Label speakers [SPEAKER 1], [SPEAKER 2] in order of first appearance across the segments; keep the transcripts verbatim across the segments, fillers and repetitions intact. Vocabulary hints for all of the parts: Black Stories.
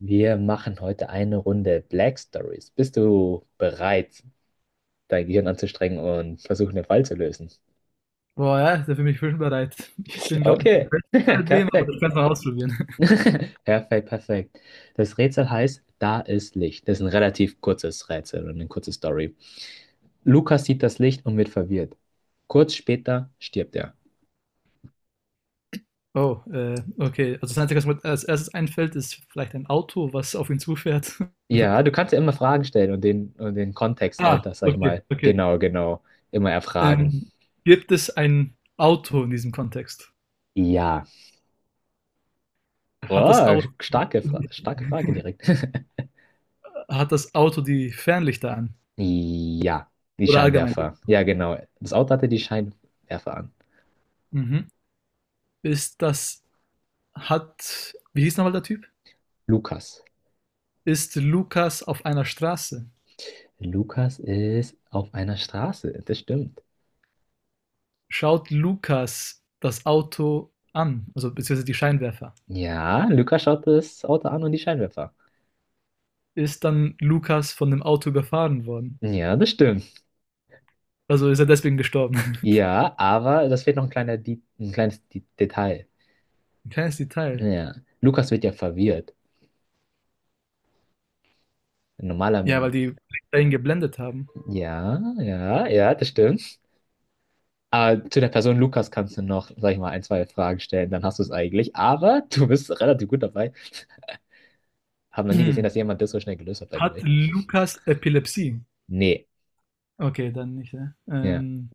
[SPEAKER 1] Wir machen heute eine Runde Black Stories. Bist du bereit, dein Gehirn anzustrengen und versuchen, den Fall zu lösen?
[SPEAKER 2] Boah, ja, da bin ich bereit. Ich bin, glaube ich,
[SPEAKER 1] Okay,
[SPEAKER 2] nicht der Beste bei dem, aber
[SPEAKER 1] perfekt.
[SPEAKER 2] ich kann es mal ausprobieren.
[SPEAKER 1] Perfekt, perfekt. Das Rätsel heißt, da ist Licht. Das ist ein relativ kurzes Rätsel und eine kurze Story. Lukas sieht das Licht und wird verwirrt. Kurz später stirbt er.
[SPEAKER 2] Oh, äh, okay. Also das Einzige, was mir als erstes einfällt, ist vielleicht ein Auto, was auf ihn zufährt.
[SPEAKER 1] Ja, du kannst ja immer Fragen stellen und den, und den Kontext
[SPEAKER 2] Ah,
[SPEAKER 1] dahinter, sag ich
[SPEAKER 2] okay,
[SPEAKER 1] mal,
[SPEAKER 2] okay.
[SPEAKER 1] genau, genau, immer erfragen.
[SPEAKER 2] Ähm, Gibt es ein Auto in diesem Kontext?
[SPEAKER 1] Ja.
[SPEAKER 2] Hat das
[SPEAKER 1] Oh,
[SPEAKER 2] Auto,
[SPEAKER 1] starke, Fra starke Frage direkt.
[SPEAKER 2] Hat das Auto die Fernlichter an?
[SPEAKER 1] Ja, die
[SPEAKER 2] Oder allgemein?
[SPEAKER 1] Scheinwerfer. Ja, genau. Das Auto hatte die Scheinwerfer an.
[SPEAKER 2] Mhm. Ist das, hat, Wie hieß nochmal der Typ?
[SPEAKER 1] Lukas.
[SPEAKER 2] Ist Lukas auf einer Straße?
[SPEAKER 1] Lukas ist auf einer Straße. Das stimmt.
[SPEAKER 2] Schaut Lukas das Auto an? Also beziehungsweise die Scheinwerfer?
[SPEAKER 1] Ja, Lukas schaut das Auto an und die Scheinwerfer.
[SPEAKER 2] Ist dann Lukas von dem Auto überfahren worden.
[SPEAKER 1] Ja, das stimmt.
[SPEAKER 2] Also ist er deswegen gestorben.
[SPEAKER 1] Ja, aber das fehlt noch ein kleiner, Di- ein kleines Di- Detail.
[SPEAKER 2] Ein kleines Detail.
[SPEAKER 1] Ja, Lukas wird ja verwirrt. Ein Normaler,
[SPEAKER 2] Ja, weil die Polizei ihn geblendet haben.
[SPEAKER 1] ja, ja, ja, das stimmt. Aber zu der Person Lukas kannst du noch, sag ich mal, ein, zwei Fragen stellen, dann hast du es eigentlich. Aber du bist relativ gut dabei. Hab noch nie gesehen, dass jemand das so schnell gelöst hat, by the
[SPEAKER 2] Hat
[SPEAKER 1] way.
[SPEAKER 2] Lukas Epilepsie?
[SPEAKER 1] Nee.
[SPEAKER 2] Okay, dann nicht. Ne?
[SPEAKER 1] Ja.
[SPEAKER 2] Ähm,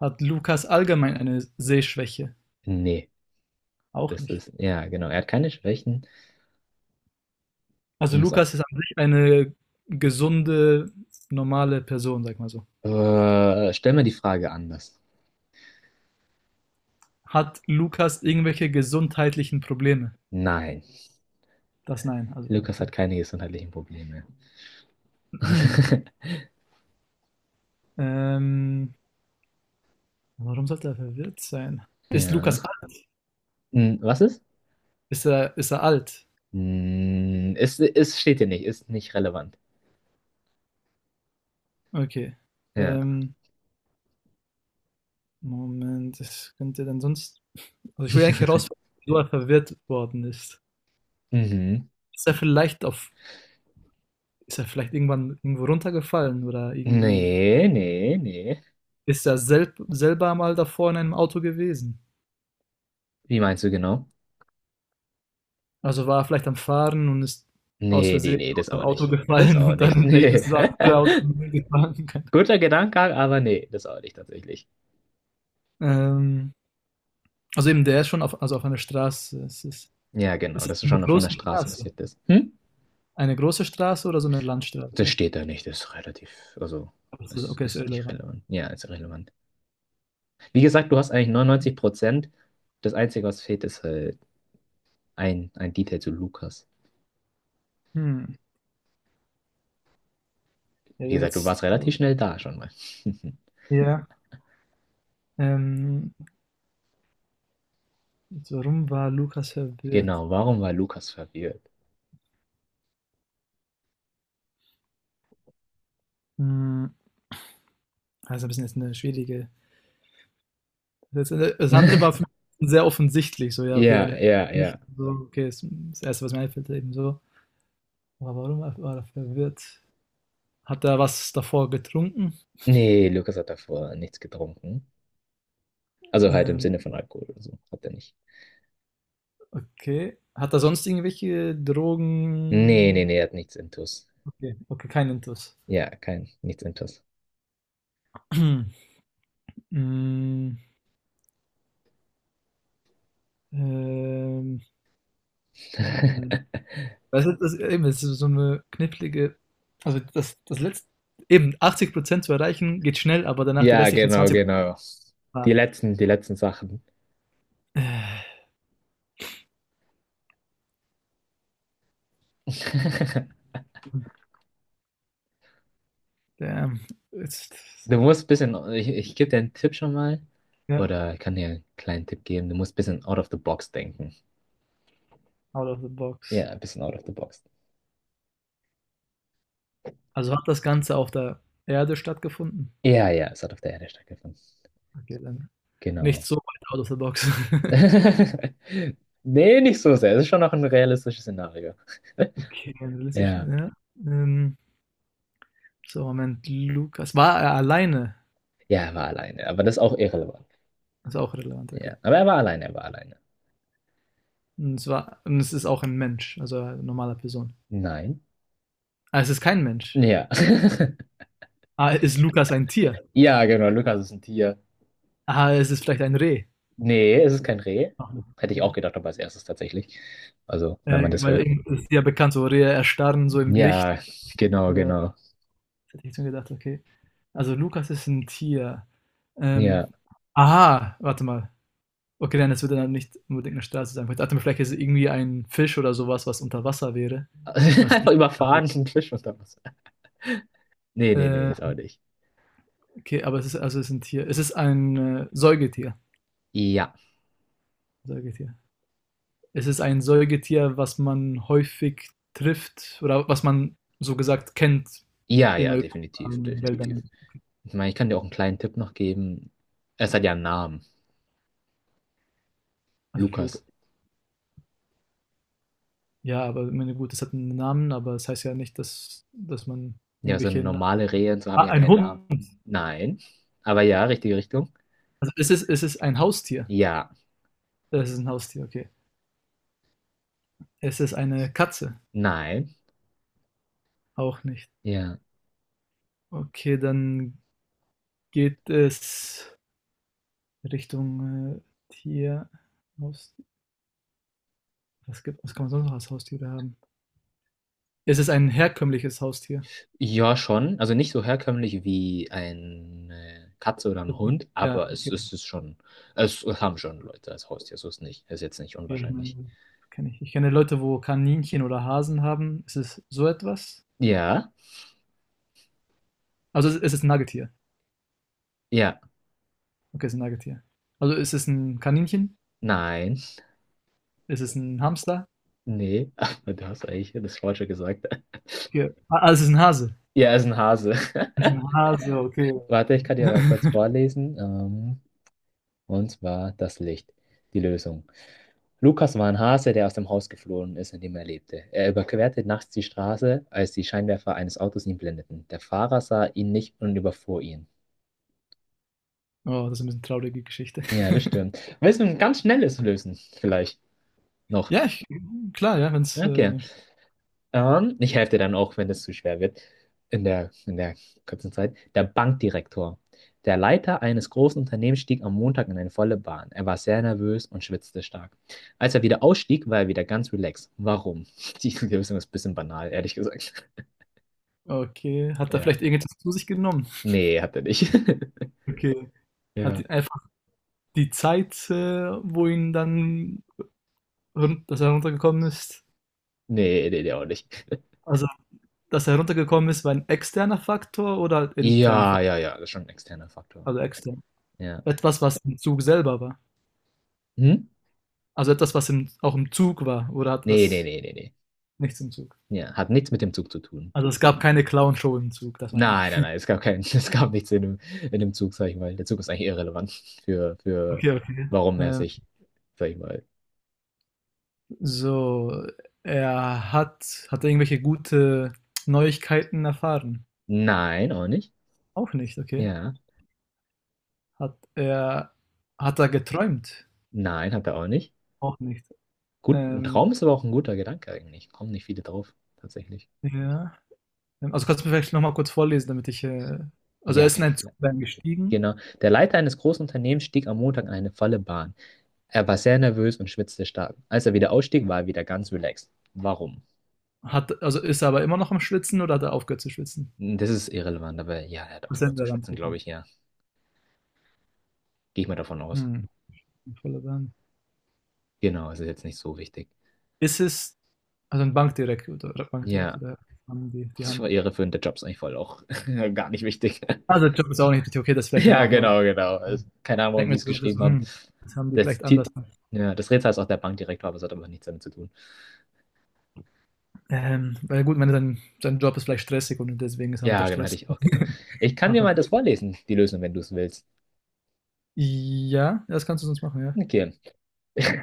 [SPEAKER 2] Hat Lukas allgemein eine Sehschwäche?
[SPEAKER 1] Nee.
[SPEAKER 2] Auch
[SPEAKER 1] Das
[SPEAKER 2] nicht.
[SPEAKER 1] ist, ja, genau. Er hat keine Schwächen. Du
[SPEAKER 2] Also
[SPEAKER 1] musst auch.
[SPEAKER 2] Lukas ist an sich eine gesunde, normale Person, sag mal so.
[SPEAKER 1] Äh, stell mir die Frage anders.
[SPEAKER 2] Hat Lukas irgendwelche gesundheitlichen Probleme?
[SPEAKER 1] Nein.
[SPEAKER 2] Das nein, also
[SPEAKER 1] Lukas hat
[SPEAKER 2] okay.
[SPEAKER 1] keine gesundheitlichen Probleme.
[SPEAKER 2] ähm, Warum sollte er verwirrt sein? Ist Lukas
[SPEAKER 1] Ja. Hm, was ist?
[SPEAKER 2] Ist er, ist er alt?
[SPEAKER 1] Hm, es, es steht hier nicht. Ist nicht relevant.
[SPEAKER 2] Okay.
[SPEAKER 1] Ja.
[SPEAKER 2] Ähm, Moment, das könnte dann sonst. Also ich will eigentlich herausfinden, wieso er verwirrt worden ist.
[SPEAKER 1] Mhm.
[SPEAKER 2] Ist er vielleicht auf. Ist er vielleicht irgendwann irgendwo runtergefallen oder irgendwie.
[SPEAKER 1] Nee, nee, nee.
[SPEAKER 2] Ist er selb, selber mal davor in einem Auto gewesen?
[SPEAKER 1] Wie meinst du genau?
[SPEAKER 2] Also war er vielleicht am Fahren und ist aus
[SPEAKER 1] Nee, nee,
[SPEAKER 2] Versehen
[SPEAKER 1] nee,
[SPEAKER 2] aus
[SPEAKER 1] das
[SPEAKER 2] dem
[SPEAKER 1] auch
[SPEAKER 2] Auto
[SPEAKER 1] nicht. Das
[SPEAKER 2] gefallen
[SPEAKER 1] auch
[SPEAKER 2] und dann
[SPEAKER 1] nicht.
[SPEAKER 2] hinter ihm
[SPEAKER 1] Nee.
[SPEAKER 2] ist das andere Auto gefahren.
[SPEAKER 1] Guter Gedanke, aber nee, das auch nicht tatsächlich.
[SPEAKER 2] Ähm, also eben, der ist schon auf, also auf einer Straße. Es ist,
[SPEAKER 1] Ja,
[SPEAKER 2] es
[SPEAKER 1] genau,
[SPEAKER 2] ist
[SPEAKER 1] dass es
[SPEAKER 2] eine
[SPEAKER 1] schon von
[SPEAKER 2] große
[SPEAKER 1] der Straße
[SPEAKER 2] Straße.
[SPEAKER 1] passiert ist. Hm?
[SPEAKER 2] Eine große Straße oder so eine Landstraße?
[SPEAKER 1] Das steht da nicht, das ist relativ, also
[SPEAKER 2] Das ist,
[SPEAKER 1] es
[SPEAKER 2] okay, das ist
[SPEAKER 1] ist nicht
[SPEAKER 2] irrelevant.
[SPEAKER 1] relevant. Ja, ist relevant. Wie gesagt, du hast eigentlich neunundneunzig Prozent. Das Einzige, was fehlt, ist halt ein, ein Detail zu Lukas.
[SPEAKER 2] Hm. Ja,
[SPEAKER 1] Wie gesagt, du
[SPEAKER 2] jetzt,
[SPEAKER 1] warst
[SPEAKER 2] also,
[SPEAKER 1] relativ schnell da schon mal.
[SPEAKER 2] ja. Ähm, Jetzt, warum war Lukas verwirrt?
[SPEAKER 1] Genau, warum war Lukas verwirrt?
[SPEAKER 2] Hm. Also ein bisschen jetzt eine schwierige. Das, das andere war für mich sehr offensichtlich. So, ja, okay,
[SPEAKER 1] Ja,
[SPEAKER 2] er hat
[SPEAKER 1] ja, ja.
[SPEAKER 2] nicht so, okay, das, das Erste, was mir einfällt, eben so. Aber warum war er verwirrt? Hat er was davor getrunken?
[SPEAKER 1] Nee, Lukas hat davor nichts getrunken. Also halt im
[SPEAKER 2] Ähm,
[SPEAKER 1] Sinne von Alkohol oder so. Hat er nicht.
[SPEAKER 2] okay. Hat er sonst irgendwelche
[SPEAKER 1] Nee, nee,
[SPEAKER 2] Drogen?
[SPEAKER 1] nee, er hat nichts intus.
[SPEAKER 2] Okay, okay, kein Intus.
[SPEAKER 1] Ja, kein, nichts intus.
[SPEAKER 2] Hm. ähm, Moment. Das ist, das, eben, das ist so eine knifflige. Also das, das Letzte, eben, achtzig Prozent zu erreichen geht schnell, aber danach die
[SPEAKER 1] Ja,
[SPEAKER 2] restlichen
[SPEAKER 1] genau, genau.
[SPEAKER 2] zwanzig Prozent.
[SPEAKER 1] Die
[SPEAKER 2] Prozent.
[SPEAKER 1] letzten, die letzten Sachen.
[SPEAKER 2] Damn. Jetzt,
[SPEAKER 1] Du musst ein bisschen, ich, ich gebe dir einen Tipp schon mal.
[SPEAKER 2] ja,
[SPEAKER 1] Oder ich kann dir einen kleinen Tipp geben. Du musst ein bisschen out of the box denken.
[SPEAKER 2] out of the
[SPEAKER 1] Ja,
[SPEAKER 2] box.
[SPEAKER 1] ein bisschen out of the box.
[SPEAKER 2] Also hat das Ganze auf der Erde stattgefunden?
[SPEAKER 1] Ja, ja, es hat auf der Erde stattgefunden.
[SPEAKER 2] Okay, dann nicht
[SPEAKER 1] Genau.
[SPEAKER 2] so weit out of the box.
[SPEAKER 1] Nee, nicht so sehr. Es ist schon noch ein realistisches Szenario.
[SPEAKER 2] Okay, realistisch,
[SPEAKER 1] Ja.
[SPEAKER 2] ja. Ähm, so, Moment, Lukas. War er alleine?
[SPEAKER 1] Ja, er war alleine. Aber das ist auch irrelevant.
[SPEAKER 2] Ist auch relevant,
[SPEAKER 1] Ja.
[SPEAKER 2] okay.
[SPEAKER 1] Aber er war alleine, er war alleine.
[SPEAKER 2] Und es, war, und es ist auch ein Mensch, also eine normale Person.
[SPEAKER 1] Nein.
[SPEAKER 2] Ah, es ist kein Mensch.
[SPEAKER 1] Ja.
[SPEAKER 2] Ah, ist Lukas ein Tier?
[SPEAKER 1] Ja, genau. Lukas ist ein Tier.
[SPEAKER 2] Aha, es ist vielleicht ein Reh.
[SPEAKER 1] Nee, es ist kein Reh.
[SPEAKER 2] Ach,
[SPEAKER 1] Hätte ich auch
[SPEAKER 2] okay.
[SPEAKER 1] gedacht, aber als erstes tatsächlich. Also, wenn
[SPEAKER 2] Äh,
[SPEAKER 1] man das hört.
[SPEAKER 2] weil das ist ja bekannt, so Rehe erstarren so im Licht.
[SPEAKER 1] Ja, genau,
[SPEAKER 2] Äh,
[SPEAKER 1] genau.
[SPEAKER 2] hätte ich jetzt gedacht, okay. Also Lukas ist ein Tier. Ähm,
[SPEAKER 1] Ja.
[SPEAKER 2] aha, warte mal. Okay, dann es wird dann nicht unbedingt eine Straße sein. Ich dachte mir, vielleicht ist es irgendwie ein Fisch oder sowas, was unter Wasser wäre. Und das
[SPEAKER 1] Einfach überfahren, ein Fisch unter Wasser. Nee, nee, nee,
[SPEAKER 2] äh,
[SPEAKER 1] ist auch nicht.
[SPEAKER 2] okay, aber es ist also es ist ein Tier. Es ist ein äh, Säugetier.
[SPEAKER 1] Ja.
[SPEAKER 2] Säugetier. Es ist ein Säugetier, was man häufig trifft oder was man so gesagt kennt
[SPEAKER 1] Ja,
[SPEAKER 2] in
[SPEAKER 1] ja,
[SPEAKER 2] Europa,
[SPEAKER 1] definitiv,
[SPEAKER 2] in den
[SPEAKER 1] definitiv.
[SPEAKER 2] Wäldern.
[SPEAKER 1] Ich meine, ich kann dir auch einen kleinen Tipp noch geben. Es hat ja einen Namen.
[SPEAKER 2] Also, Log-
[SPEAKER 1] Lukas.
[SPEAKER 2] ja, aber ich meine, gut, es hat einen Namen, aber es heißt ja nicht, dass, dass man
[SPEAKER 1] Ja, so
[SPEAKER 2] irgendwelche. Na-
[SPEAKER 1] normale Rehe und so haben
[SPEAKER 2] ah,
[SPEAKER 1] ja
[SPEAKER 2] ein
[SPEAKER 1] keinen Namen.
[SPEAKER 2] Hund.
[SPEAKER 1] Nein. Aber ja, richtige Richtung.
[SPEAKER 2] Also, es ist, es ist ein Haustier.
[SPEAKER 1] Ja.
[SPEAKER 2] Es ist ein Haustier, okay. Es ist eine Katze.
[SPEAKER 1] Nein.
[SPEAKER 2] Auch nicht.
[SPEAKER 1] Ja.
[SPEAKER 2] Okay, dann geht es Richtung äh, Tier. Haus- Was gibt, was kann man sonst noch als Haustiere haben? Es ist ein herkömmliches Haustier.
[SPEAKER 1] Ja, schon. Also nicht so herkömmlich wie eine Katze oder ein Hund,
[SPEAKER 2] Ja,
[SPEAKER 1] aber es
[SPEAKER 2] okay, okay.
[SPEAKER 1] ist es schon. Es haben schon Leute als Haustier, so ist nicht. Ist jetzt nicht
[SPEAKER 2] Ich
[SPEAKER 1] unwahrscheinlich.
[SPEAKER 2] meine, kenne ich. Ich kenne Leute, wo Kaninchen oder Hasen haben. Ist es so etwas?
[SPEAKER 1] Ja,
[SPEAKER 2] Also es ist 'n Nagetier.
[SPEAKER 1] ja,
[SPEAKER 2] Okay, es ist 'n Nagetier. Also ist es 'n Kaninchen?
[SPEAKER 1] nein,
[SPEAKER 2] Ist es 'n Hamster?
[SPEAKER 1] nee, aber du hast eigentlich das Falsche gesagt.
[SPEAKER 2] Okay. Ah, ah, es ist 'n Hase.
[SPEAKER 1] Ja, es ist ein Hase.
[SPEAKER 2] Es ist 'n Hase, okay.
[SPEAKER 1] Warte, ich kann dir mal kurz vorlesen. Ähm, und zwar das Licht, die Lösung. Lukas war ein Hase, der aus dem Haus geflohen ist, in dem er lebte. Er überquerte nachts die Straße, als die Scheinwerfer eines Autos ihn blendeten. Der Fahrer sah ihn nicht und überfuhr ihn.
[SPEAKER 2] Oh, das ist 'n bisschen traurige Geschichte.
[SPEAKER 1] Ja, das stimmt. Willst du ein ganz schnelles lösen? Vielleicht noch.
[SPEAKER 2] Ja, ich klar, ja, wenn's,
[SPEAKER 1] Okay.
[SPEAKER 2] äh
[SPEAKER 1] Ähm, ich helfe dir dann auch, wenn es zu schwer wird. In der, in der kurzen Zeit. Der Bankdirektor. Der Leiter eines großen Unternehmens stieg am Montag in eine volle Bahn. Er war sehr nervös und schwitzte stark. Als er wieder ausstieg, war er wieder ganz relaxed. Warum? Die Lösung ist ein bisschen banal, ehrlich gesagt.
[SPEAKER 2] okay. Hat er
[SPEAKER 1] Ja.
[SPEAKER 2] vielleicht irgendetwas zu sich genommen?
[SPEAKER 1] Nee, hat er nicht.
[SPEAKER 2] Okay. Hat
[SPEAKER 1] Ja.
[SPEAKER 2] ihn einfach die Zeit, äh, wo ihn dann run dass er runtergekommen ist,
[SPEAKER 1] Nee, nee, der auch nicht.
[SPEAKER 2] also dass er runtergekommen ist, war ein externer Faktor oder intern?
[SPEAKER 1] Ja,
[SPEAKER 2] von-
[SPEAKER 1] ja, ja, das ist schon ein externer Faktor.
[SPEAKER 2] Also extern.
[SPEAKER 1] Ja.
[SPEAKER 2] Etwas, was im Zug selber war.
[SPEAKER 1] Hm?
[SPEAKER 2] Also etwas, was im, auch im Zug war. Oder hatte
[SPEAKER 1] Nee, nee,
[SPEAKER 2] das
[SPEAKER 1] nee, nee, nee.
[SPEAKER 2] nichts im Zug?
[SPEAKER 1] Ja, hat nichts mit dem Zug zu tun.
[SPEAKER 2] Also es gab keine Clown-Show im Zug, das meine ich.
[SPEAKER 1] Nein, nein, nein, es gab keinen, es gab nichts in dem, in dem Zug, sag ich mal. Der Zug ist eigentlich irrelevant für, für,
[SPEAKER 2] Okay, okay.
[SPEAKER 1] warum er
[SPEAKER 2] Ähm,
[SPEAKER 1] sich, sag ich mal.
[SPEAKER 2] so, er hat, hat er irgendwelche gute Neuigkeiten erfahren?
[SPEAKER 1] Nein, auch nicht.
[SPEAKER 2] Auch nicht, okay.
[SPEAKER 1] Ja.
[SPEAKER 2] Hat er, hat er geträumt?
[SPEAKER 1] Nein, hat er auch nicht.
[SPEAKER 2] Auch nicht.
[SPEAKER 1] Gut, ein
[SPEAKER 2] Ähm,
[SPEAKER 1] Traum ist aber auch ein guter Gedanke eigentlich. Kommen nicht viele drauf, tatsächlich.
[SPEAKER 2] ja. Ähm, also kannst du mir vielleicht nochmal kurz vorlesen, damit ich. Äh, also er
[SPEAKER 1] Ja,
[SPEAKER 2] ist in
[SPEAKER 1] klar.
[SPEAKER 2] einen Zug gestiegen.
[SPEAKER 1] Genau. Der Leiter eines großen Unternehmens stieg am Montag in eine volle Bahn. Er war sehr nervös und schwitzte stark. Als er wieder ausstieg, war er wieder ganz relaxed. Warum?
[SPEAKER 2] Hat, also ist er aber immer noch am Schwitzen oder hat er aufgehört zu schwitzen?
[SPEAKER 1] Das ist irrelevant, aber ja, er hat
[SPEAKER 2] Das sind
[SPEAKER 1] aufgehört zu
[SPEAKER 2] wir dann
[SPEAKER 1] schwitzen, glaube
[SPEAKER 2] drücken.
[SPEAKER 1] ich, ja. Gehe ich mal davon aus.
[SPEAKER 2] Hm, voller Wärme.
[SPEAKER 1] Genau, es ist jetzt nicht so wichtig.
[SPEAKER 2] Ist es, also ein Bankdirektor, oder Bankdirektor,
[SPEAKER 1] Ja,
[SPEAKER 2] da haben die, die
[SPEAKER 1] das war
[SPEAKER 2] haben.
[SPEAKER 1] irreführend. Der Job ist eigentlich voll auch gar nicht wichtig.
[SPEAKER 2] Also Job ist auch nicht richtig okay, das vielleicht dann
[SPEAKER 1] Ja,
[SPEAKER 2] auch mal.
[SPEAKER 1] genau, genau. Also, keine Ahnung, warum
[SPEAKER 2] Denken
[SPEAKER 1] die
[SPEAKER 2] wir
[SPEAKER 1] es
[SPEAKER 2] so, das,
[SPEAKER 1] geschrieben haben.
[SPEAKER 2] hm, das haben die
[SPEAKER 1] Das,
[SPEAKER 2] vielleicht anders.
[SPEAKER 1] Ti- ja, das Rätsel ist auch der Bankdirektor, aber es hat aber nichts damit zu tun.
[SPEAKER 2] Ähm, weil gut, wenn sein, sein Job ist vielleicht stressig und deswegen ist er unter
[SPEAKER 1] Ja, genau, hätte
[SPEAKER 2] Stress.
[SPEAKER 1] ich auch gedacht. Ich kann dir mal das vorlesen, die Lösung, wenn du es willst.
[SPEAKER 2] Ja, das kannst du sonst machen, ja.
[SPEAKER 1] Okay.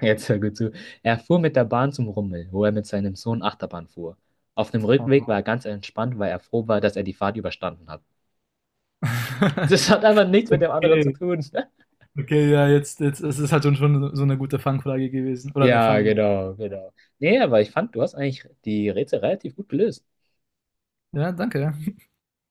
[SPEAKER 1] Jetzt hör gut zu. Er fuhr mit der Bahn zum Rummel, wo er mit seinem Sohn Achterbahn fuhr. Auf dem
[SPEAKER 2] Oh,
[SPEAKER 1] Rückweg war
[SPEAKER 2] wow.
[SPEAKER 1] er ganz entspannt, weil er froh war, dass er die Fahrt überstanden hat. Das hat einfach nichts mit dem anderen zu
[SPEAKER 2] Okay,
[SPEAKER 1] tun.
[SPEAKER 2] okay, ja, jetzt, jetzt, es ist halt schon, schon so eine gute Fangfrage gewesen. Oder eine
[SPEAKER 1] Ja,
[SPEAKER 2] Fang.
[SPEAKER 1] genau, genau. Nee, aber ich fand, du hast eigentlich die Rätsel relativ gut gelöst.
[SPEAKER 2] Ja, danke, ja.